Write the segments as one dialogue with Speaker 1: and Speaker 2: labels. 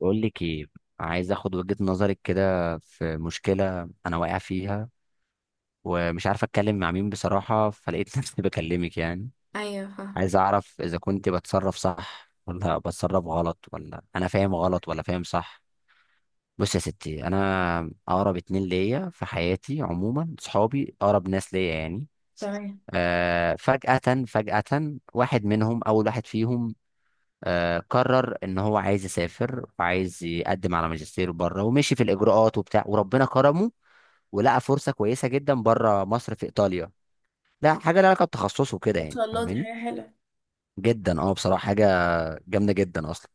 Speaker 1: بقول لك ايه؟ عايز اخد وجهة نظرك كده في مشكلة انا واقع فيها، ومش عارف اتكلم مع مين بصراحة، فلقيت نفسي بكلمك يعني.
Speaker 2: ايوه، فاهم.
Speaker 1: عايز اعرف اذا كنت بتصرف صح ولا بتصرف غلط، ولا انا فاهم غلط ولا فاهم صح. بص يا ستي، انا اقرب اتنين ليا في حياتي عموما صحابي، اقرب ناس ليا يعني.
Speaker 2: تمام.
Speaker 1: فجأة، فجأة واحد منهم، اول واحد فيهم، قرر ان هو عايز يسافر، وعايز يقدم على ماجستير بره، ومشي في الاجراءات وبتاع، وربنا كرمه. ولقى فرصه كويسه جدا بره مصر، في ايطاليا. لا حاجه لها علاقه بتخصصه كده
Speaker 2: ما
Speaker 1: يعني،
Speaker 2: شاء الله، دي
Speaker 1: فاهماني؟
Speaker 2: حاجة حلوة.
Speaker 1: جدا، اه، بصراحه حاجه جامده جدا اصلا.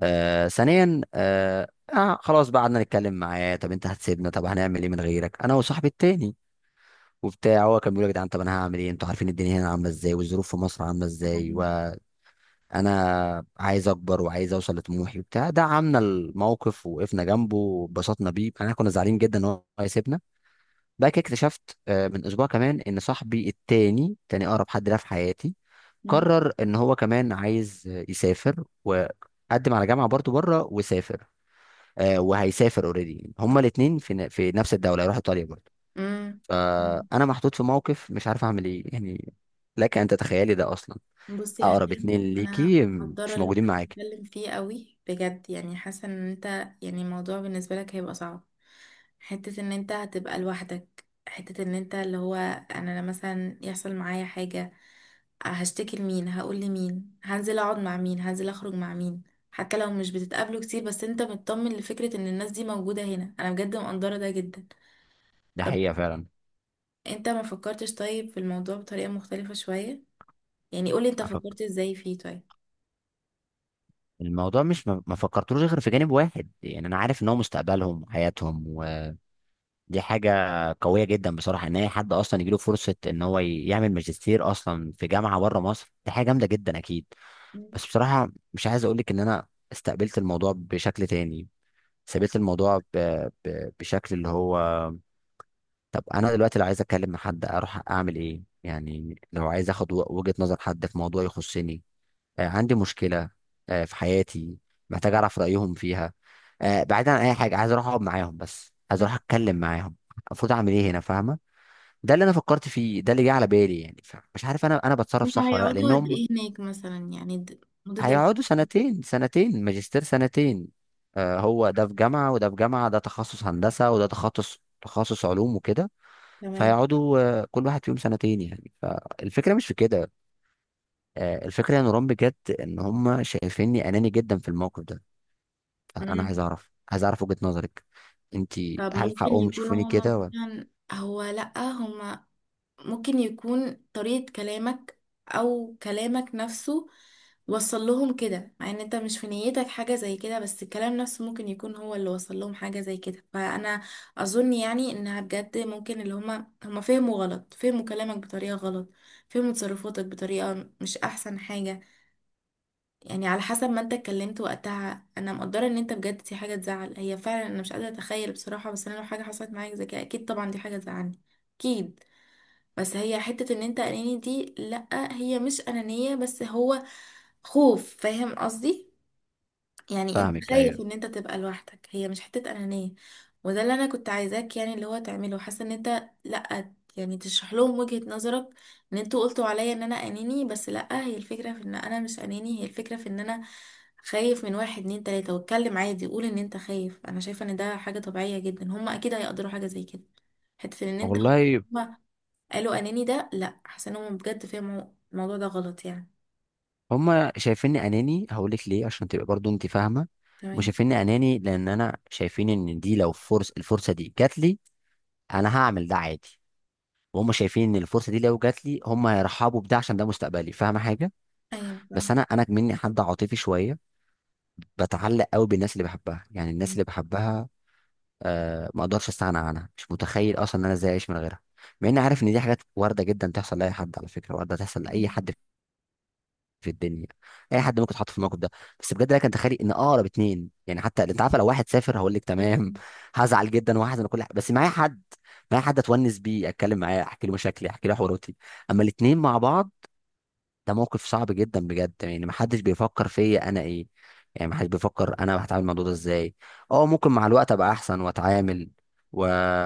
Speaker 1: ثانيا، خلاص بقى، قعدنا نتكلم معاه: طب انت هتسيبنا؟ طب هنعمل ايه من غيرك، انا وصاحبي التاني وبتاع. هو كان بيقول: يا جدعان طب انا هعمل ايه؟ انتوا عارفين الدنيا هنا عامله ازاي، والظروف في مصر عامله ازاي، و...
Speaker 2: أمم.
Speaker 1: انا عايز اكبر وعايز اوصل لطموحي وبتاع. دعمنا الموقف ووقفنا جنبه واتبسطنا بيه، احنا كنا زعلانين جدا ان هو هيسيبنا. بعد كده اكتشفت، من اسبوع كمان، ان صاحبي التاني، تاني اقرب حد ليا في حياتي،
Speaker 2: أمم.
Speaker 1: قرر ان هو كمان عايز يسافر، وقدم على جامعه برضه بره وسافر. وهيسافر اوريدي. هما الاثنين في في نفس الدوله، هيروح ايطاليا برضه.
Speaker 2: أمم. أمم.
Speaker 1: فانا محطوط في موقف، مش عارف اعمل ايه يعني. لك ان تتخيلي ده اصلا،
Speaker 2: بصي يا
Speaker 1: اقرب اتنين
Speaker 2: هشام، انا
Speaker 1: ليكي
Speaker 2: مقدره
Speaker 1: مش
Speaker 2: اللي انت
Speaker 1: موجودين معاكي.
Speaker 2: بتتكلم فيه قوي بجد، يعني حاسه ان انت يعني الموضوع بالنسبه لك هيبقى صعب، حته ان انت هتبقى لوحدك، حته ان انت اللي هو انا لما مثلا يحصل معايا حاجه هشتكي لمين، هقول لمين، هنزل اقعد مع مين، هنزل اخرج مع مين. حتى لو مش بتتقابلوا كتير بس انت مطمن لفكره ان الناس دي موجوده هنا، انا بجد مقدره ده جدا.
Speaker 1: ده
Speaker 2: طب
Speaker 1: حقيقة فعلا.
Speaker 2: انت ما فكرتش طيب في الموضوع بطريقة مختلفة شوية؟ يعني قولي انت
Speaker 1: أفك...
Speaker 2: فكرت ازاي فيه طيب؟
Speaker 1: الموضوع مش، ما فكرتلوش غير في جانب واحد، يعني أنا عارف إن هو مستقبلهم وحياتهم، ودي حاجة قوية جدا بصراحة، إن أي حد أصلا يجيله فرصة إن هو يعمل ماجستير أصلا في جامعة بره مصر، دي حاجة جامدة جدا أكيد.
Speaker 2: مم.
Speaker 1: بس بصراحة مش عايز أقولك إن أنا استقبلت الموضوع بشكل تاني. سبيت الموضوع بشكل اللي هو، طب أنا دلوقتي لو عايز أتكلم مع حد أروح أعمل إيه؟ يعني لو عايز أخد وجهة نظر حد في موضوع يخصني، عندي مشكلة، في حياتي، محتاج أعرف رأيهم فيها، بعيدا عن أي حاجة، عايز أروح أقعد معاهم، بس عايز أروح
Speaker 2: مم.
Speaker 1: أتكلم معاهم. المفروض أعمل إيه هنا، فاهمة؟ ده اللي أنا فكرت فيه، ده اللي جه على بالي يعني. مش عارف أنا بتصرف
Speaker 2: هما
Speaker 1: صح ولا لأ،
Speaker 2: هيقعدوا قد
Speaker 1: لأنهم
Speaker 2: ايه هناك مثلا؟ يعني مدة دراسة.
Speaker 1: هيقعدوا سنتين، سنتين ماجستير سنتين. هو ده في جامعة وده في جامعة، ده تخصص هندسة وده تخصص علوم وكده.
Speaker 2: تمام.
Speaker 1: فيقعدوا كل واحد فيهم سنتين يعني، فالفكرة مش في كده. الفكرة يا نوران بجد، إن هم شايفيني أناني جدا في الموقف ده. انا
Speaker 2: مم.
Speaker 1: عايز اعرف، وجهة نظرك. انت،
Speaker 2: طب
Speaker 1: هل
Speaker 2: ممكن
Speaker 1: حقهم
Speaker 2: يكونوا
Speaker 1: يشوفوني
Speaker 2: هما
Speaker 1: كده ولا؟
Speaker 2: مثلا هو لأ هما، ممكن يكون طريقة كلامك أو كلامك نفسه وصل لهم كده مع ان انت مش في نيتك حاجة زي كده، بس الكلام نفسه ممكن يكون هو اللي وصل لهم حاجة زي كده. فأنا أظن يعني إنها بجد ممكن اللي هما فهموا غلط، فهموا كلامك بطريقة غلط، فهموا تصرفاتك بطريقة مش أحسن حاجة. يعني على حسب ما انت اتكلمت وقتها، انا مقدره ان انت بجد دي حاجه تزعل هي فعلا، انا مش قادره اتخيل بصراحه، بس انا لو حاجه حصلت معايا زي كده اكيد طبعا دي حاجه تزعلني اكيد. بس هي حته ان انت اناني دي لا، هي مش انانيه، بس هو خوف، فاهم قصدي؟ يعني انت
Speaker 1: فاهمك
Speaker 2: خايف
Speaker 1: ايوه.
Speaker 2: ان انت تبقى لوحدك، هي مش حتة انانية. وده اللي انا كنت عايزاك يعني اللي هو تعمله، حاسة ان انت لا، يعني تشرح لهم وجهة نظرك ان انتوا قلتوا عليا ان انا اناني، بس لا، هي الفكرة في ان انا مش اناني، هي الفكرة في ان انا خايف. من واحد اتنين تلاتة واتكلم عادي قول ان انت خايف. انا شايفة ان ده حاجة طبيعية جدا، هما اكيد هيقدروا حاجة زي كده. حتة ان انت قلت
Speaker 1: والله،
Speaker 2: هما قالوا اناني ده، لا، حاسة ان هما بجد فهموا الموضوع ده غلط يعني.
Speaker 1: هما شايفيني اناني، هقول لك ليه، عشان تبقى برضو انت فاهمه. مش
Speaker 2: تمام.
Speaker 1: شايفيني اناني، لان انا شايفين ان دي، لو الفرصه دي جات لي، انا هعمل ده عادي. وهم شايفين ان الفرصه دي لو جات لي، هم هيرحبوا بده، عشان ده مستقبلي. فاهمه حاجه؟
Speaker 2: ايوه،
Speaker 1: بس انا مني حد عاطفي شويه، بتعلق قوي بالناس اللي بحبها، يعني الناس اللي بحبها. ما اقدرش استغنى عنها، مش متخيل اصلا ان انا ازاي اعيش من غيرها. مع اني عارف ان دي حاجات وارده جدا تحصل لاي حد، على فكره وارده تحصل لاي
Speaker 2: فاهمة.
Speaker 1: حد في الدنيا. اي حد ممكن يتحط في الموقف ده. بس بجد، لك انت تخيل ان اقرب اتنين يعني، حتى انت عارف لو واحد سافر هقول لك تمام هزعل جدا وهحزن وكل حاجه، بس معايا حد، معايا حد اتونس بيه، اتكلم معاه، احكي له مشاكلي، احكي له حواراتي. اما الاتنين مع بعض، ده موقف صعب جدا بجد، يعني محدش بيفكر فيا انا ايه، يعني محدش بيفكر انا هتعامل مع الموضوع ده ازاي. اه، ممكن مع الوقت ابقى احسن واتعامل، و...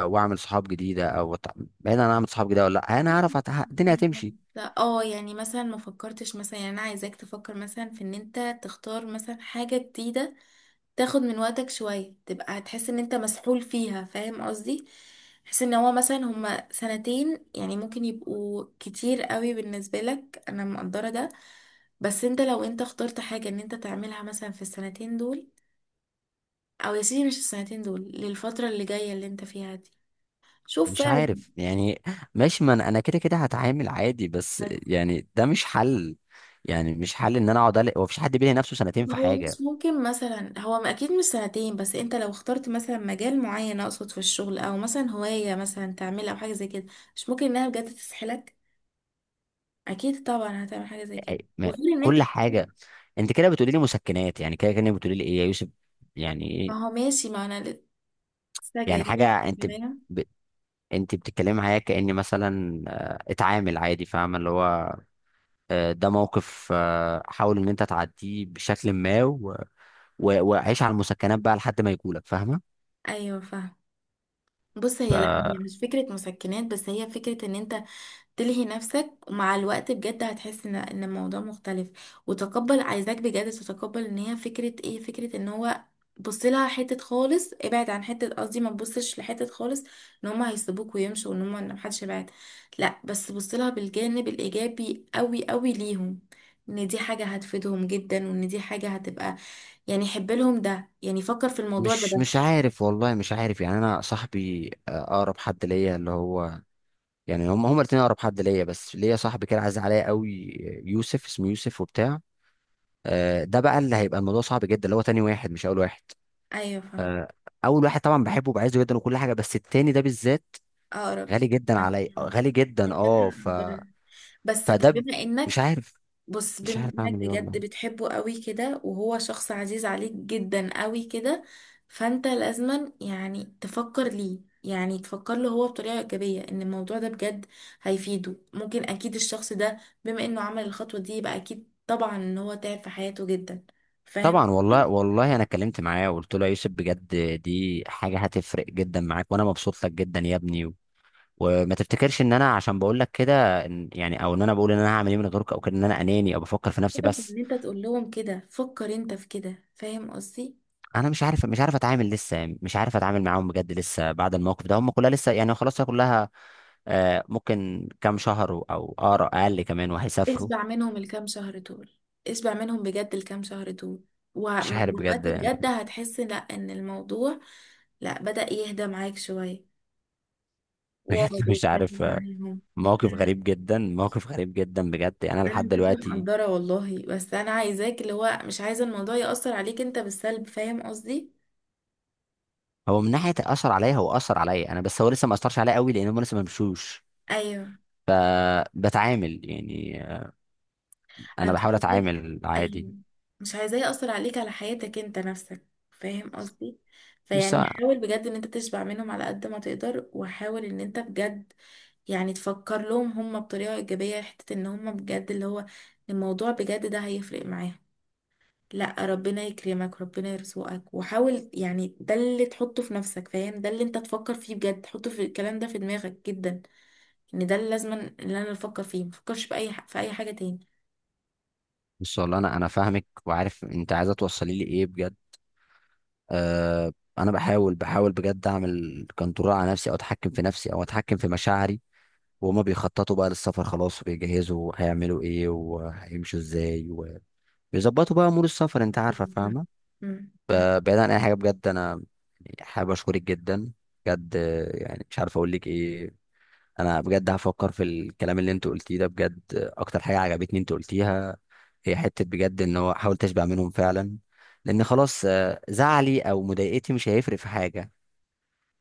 Speaker 1: واعمل صحاب جديده، او بعيد عن اعمل صحاب جديده، ولا لا انا هعرف الدنيا هتمشي.
Speaker 2: لا اه، يعني مثلا ما فكرتش مثلا، يعني انا عايزاك تفكر مثلا في ان انت تختار مثلا حاجة جديدة، تاخد من وقتك شوية تبقى هتحس ان انت مسحول فيها، فاهم قصدي؟ حس ان هو مثلا هما سنتين يعني ممكن يبقوا كتير قوي بالنسبة لك، انا مقدرة ده. بس انت لو انت اخترت حاجة ان انت تعملها مثلا في السنتين دول، او يا سيدي مش السنتين دول، للفترة اللي جاية اللي انت فيها دي، شوف
Speaker 1: مش
Speaker 2: فعلا.
Speaker 1: عارف يعني. ماشي، ما انا كده كده هتعامل عادي، بس يعني ده مش حل. يعني مش حل ان انا اقعد، هو مفيش حد بيلي نفسه سنتين
Speaker 2: طب
Speaker 1: في
Speaker 2: هو مش
Speaker 1: حاجه.
Speaker 2: ممكن مثلا، هو اكيد مش سنتين، بس انت لو اخترت مثلا مجال معين، اقصد في الشغل او مثلا هواية مثلا تعملها او حاجة زي كده، مش ممكن انها بجد تسحلك؟ اكيد طبعا هتعمل حاجة زي كده.
Speaker 1: أي- ما-
Speaker 2: وغير ان انت،
Speaker 1: كل حاجه. انت كده بتقولي لي مسكنات يعني، كده كانك بتقولي لي ايه يا يوسف، يعني
Speaker 2: ما
Speaker 1: ايه؟
Speaker 2: هو ماشي، ما انا لسه
Speaker 1: يعني
Speaker 2: جايلك
Speaker 1: حاجه، انت
Speaker 2: كمان.
Speaker 1: انت بتتكلمي معايا كأني مثلا اتعامل عادي، فاهمة اللي هو، ده موقف، حاول ان انت تعديه بشكل ما، وعيش على المسكنات بقى لحد ما يجولك، فاهمة؟
Speaker 2: ايوه فاهم. بص، هي لا،
Speaker 1: فمش
Speaker 2: هي مش فكرة مسكنات، بس هي فكرة ان انت تلهي نفسك ومع الوقت بجد هتحس ان ان الموضوع مختلف وتقبل. عايزاك بجد تتقبل ان هي فكرة ايه، فكرة ان هو بص لها حتة خالص، ابعد عن حتة، قصدي ما تبصش لحتة خالص ان هما هيسيبوك ويمشوا وان هما ان محدش يبعد. لا بس بص لها بالجانب الايجابي، قوي قوي ليهم ان دي حاجة هتفيدهم جدا، وان دي حاجة هتبقى يعني حب لهم، ده يعني فكر في الموضوع ده
Speaker 1: مش
Speaker 2: بس.
Speaker 1: عارف والله، مش عارف يعني. انا صاحبي، اقرب حد ليا اللي هو، يعني هم الاتنين اقرب حد ليا، بس ليا صاحبي كده عايز عليا قوي، يوسف، اسمه يوسف وبتاع. ده بقى اللي هيبقى الموضوع صعب جدا، اللي هو تاني واحد مش اول واحد.
Speaker 2: ايوه فاهم.
Speaker 1: آه، اول واحد طبعا بحبه وبعزه جدا وكل حاجه، بس التاني ده بالذات
Speaker 2: اقرب.
Speaker 1: غالي جدا
Speaker 2: أنا
Speaker 1: علي، غالي جدا.
Speaker 2: بحب
Speaker 1: اه ف
Speaker 2: أفكر. بس طب
Speaker 1: فده ب-
Speaker 2: بما انك،
Speaker 1: مش عارف،
Speaker 2: بص
Speaker 1: مش
Speaker 2: بما
Speaker 1: عارف
Speaker 2: انك
Speaker 1: اعمل ايه
Speaker 2: بجد
Speaker 1: والله.
Speaker 2: بتحبه قوي كده وهو شخص عزيز عليك جدا قوي كده، فانت لازما يعني تفكر ليه، يعني تفكر له هو بطريقة إيجابية ان الموضوع ده بجد هيفيده. ممكن اكيد الشخص ده بما انه عمل الخطوة دي يبقى اكيد طبعا ان هو تعب في حياته جدا، فاهم؟
Speaker 1: طبعا، والله والله انا اتكلمت معاه وقلت له: يا يوسف بجد، دي حاجه هتفرق جدا معاك، وانا مبسوط لك جدا يا ابني، وما تفتكرش ان انا عشان بقول لك كده يعني، او ان انا بقول ان انا هعمل ايه من غيرك، او كده ان انا اناني او بفكر في نفسي
Speaker 2: سيبك من
Speaker 1: بس.
Speaker 2: ان انت تقول لهم كده، فكر انت في كده، فاهم قصدي؟
Speaker 1: انا مش عارف اتعامل، لسه مش عارف اتعامل معاهم بجد، لسه بعد الموقف ده هم كلها لسه يعني، خلاص هي كلها، ممكن كام شهر او اقرا اقل كمان، وهيسافروا.
Speaker 2: اشبع منهم الكام شهر دول، اشبع منهم بجد الكام شهر دول.
Speaker 1: مش
Speaker 2: ومع
Speaker 1: عارف
Speaker 2: الوقت
Speaker 1: بجد يعني.
Speaker 2: بجد هتحس لا ان الموضوع، لا بدأ يهدى معاك شوية،
Speaker 1: بجد
Speaker 2: واقعد
Speaker 1: مش
Speaker 2: واتكلم
Speaker 1: عارف.
Speaker 2: معاهم.
Speaker 1: موقف غريب جدا، موقف غريب جدا بجد، يعني انا
Speaker 2: انا
Speaker 1: لحد
Speaker 2: بجد
Speaker 1: دلوقتي،
Speaker 2: مقدرة والله، بس انا عايزاك اللي هو، مش عايزة الموضوع يأثر عليك انت بالسلب، فاهم قصدي؟
Speaker 1: هو من ناحيه اثر عليا، هو اثر عليا انا، بس هو لسه ما اثرش عليا قوي، لان هم لسه ما مشوش.
Speaker 2: ايوه.
Speaker 1: فبتعامل يعني،
Speaker 2: انا
Speaker 1: انا
Speaker 2: مش
Speaker 1: بحاول
Speaker 2: عايزاه.
Speaker 1: اتعامل عادي.
Speaker 2: ايوه. مش عايزاه يأثر عليك على حياتك انت نفسك، فاهم قصدي؟
Speaker 1: بس.
Speaker 2: فيعني حاول بجد ان انت تشبع منهم على قد ما تقدر، وحاول ان انت بجد يعني تفكر لهم هم بطريقة ايجابية، حتة ان هم بجد اللي هو الموضوع بجد ده هيفرق معاهم. لا ربنا يكرمك، ربنا يرزقك، وحاول، يعني ده اللي تحطه في نفسك، فاهم؟ ده اللي انت تفكر فيه بجد، تحطه في الكلام ده في دماغك جدا ان ده اللي لازم اللي انا افكر فيه، مفكرش بأي في اي حاجة تاني.
Speaker 1: بس والله، انا فاهمك، وعارف انت عايزه توصلي لي ايه بجد. انا بحاول بجد اعمل كنترول على نفسي، او اتحكم في نفسي، او اتحكم في مشاعري. وهما بيخططوا بقى للسفر خلاص، وبيجهزوا هيعملوا ايه وهيمشوا ازاي، بيظبطوا بقى امور السفر، انت عارفه، فاهمه؟
Speaker 2: مم. مم.
Speaker 1: بعيد عن اي حاجه بجد، انا حابب اشكرك جدا، بجد. يعني مش عارف اقول لك ايه. انا بجد هفكر في الكلام اللي انت قلتيه ده، بجد. اكتر حاجه عجبتني انت قلتيها، هي حته بجد ان هو: حاول تشبع منهم فعلا، لان خلاص، زعلي او مضايقتي مش هيفرق في حاجه،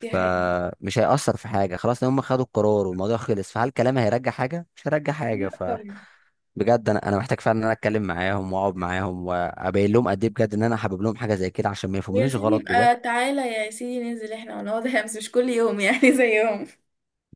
Speaker 2: دي حاجة.
Speaker 1: هيأثر في حاجه خلاص. لو هم خدوا القرار والموضوع خلص، فهل كلامي هيرجع حاجه؟ مش هيرجع حاجه.
Speaker 2: لا
Speaker 1: ف...
Speaker 2: طبعا.
Speaker 1: بجد، انا محتاج فعلا ان انا اتكلم معاهم واقعد معاهم، وابين لهم قد ايه بجد ان انا حابب لهم حاجه زي كده، عشان ما
Speaker 2: يا
Speaker 1: يفهمونيش
Speaker 2: سيدي،
Speaker 1: غلط بجد.
Speaker 2: يبقى تعالى يا سيدي ننزل احنا ونقعد احنا، بس مش كل يوم يعني زيهم.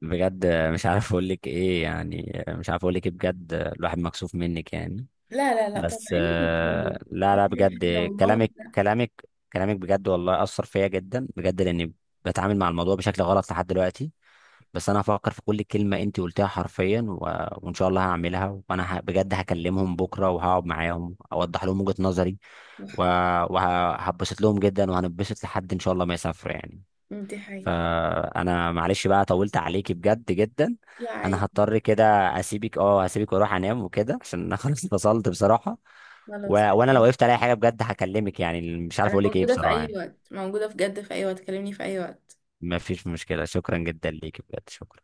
Speaker 1: بجد مش عارف اقول لك ايه يعني، مش عارف اقول لك ايه بجد، الواحد مكسوف منك يعني.
Speaker 2: لا لا لا، طبعا
Speaker 1: بس،
Speaker 2: ايه اللي انت بتقوله؟
Speaker 1: لا
Speaker 2: ما
Speaker 1: لا
Speaker 2: في
Speaker 1: بجد.
Speaker 2: حاجة والله.
Speaker 1: كلامك كلامك كلامك، بجد والله اثر فيا جدا بجد، لاني بتعامل مع الموضوع بشكل غلط لحد دلوقتي. بس انا هفكر في كل كلمه انت قلتيها حرفيا، وان شاء الله هعملها، وانا بجد هكلمهم بكره وهقعد معاهم، اوضح لهم وجهه نظري، وهتبسط لهم جدا، وهنبسط لحد ان شاء الله ما يسافر يعني.
Speaker 2: لا دي حقيقة.
Speaker 1: فانا معلش بقى، طولت عليكي بجد جدا.
Speaker 2: لا
Speaker 1: انا
Speaker 2: عادي.
Speaker 1: هضطر كده اسيبك، هسيبك واروح انام وكده، عشان انا خلاص فصلت بصراحة.
Speaker 2: خلاص.
Speaker 1: وانا لو وقفت على حاجة بجد هكلمك، يعني مش عارف
Speaker 2: انا
Speaker 1: اقول لك ايه
Speaker 2: موجودة في
Speaker 1: بصراحة
Speaker 2: اي
Speaker 1: يعني.
Speaker 2: وقت، موجودة بجد في اي وقت، كلمني في اي وقت
Speaker 1: ما فيش مشكلة، شكرا جدا ليك بجد، شكرا.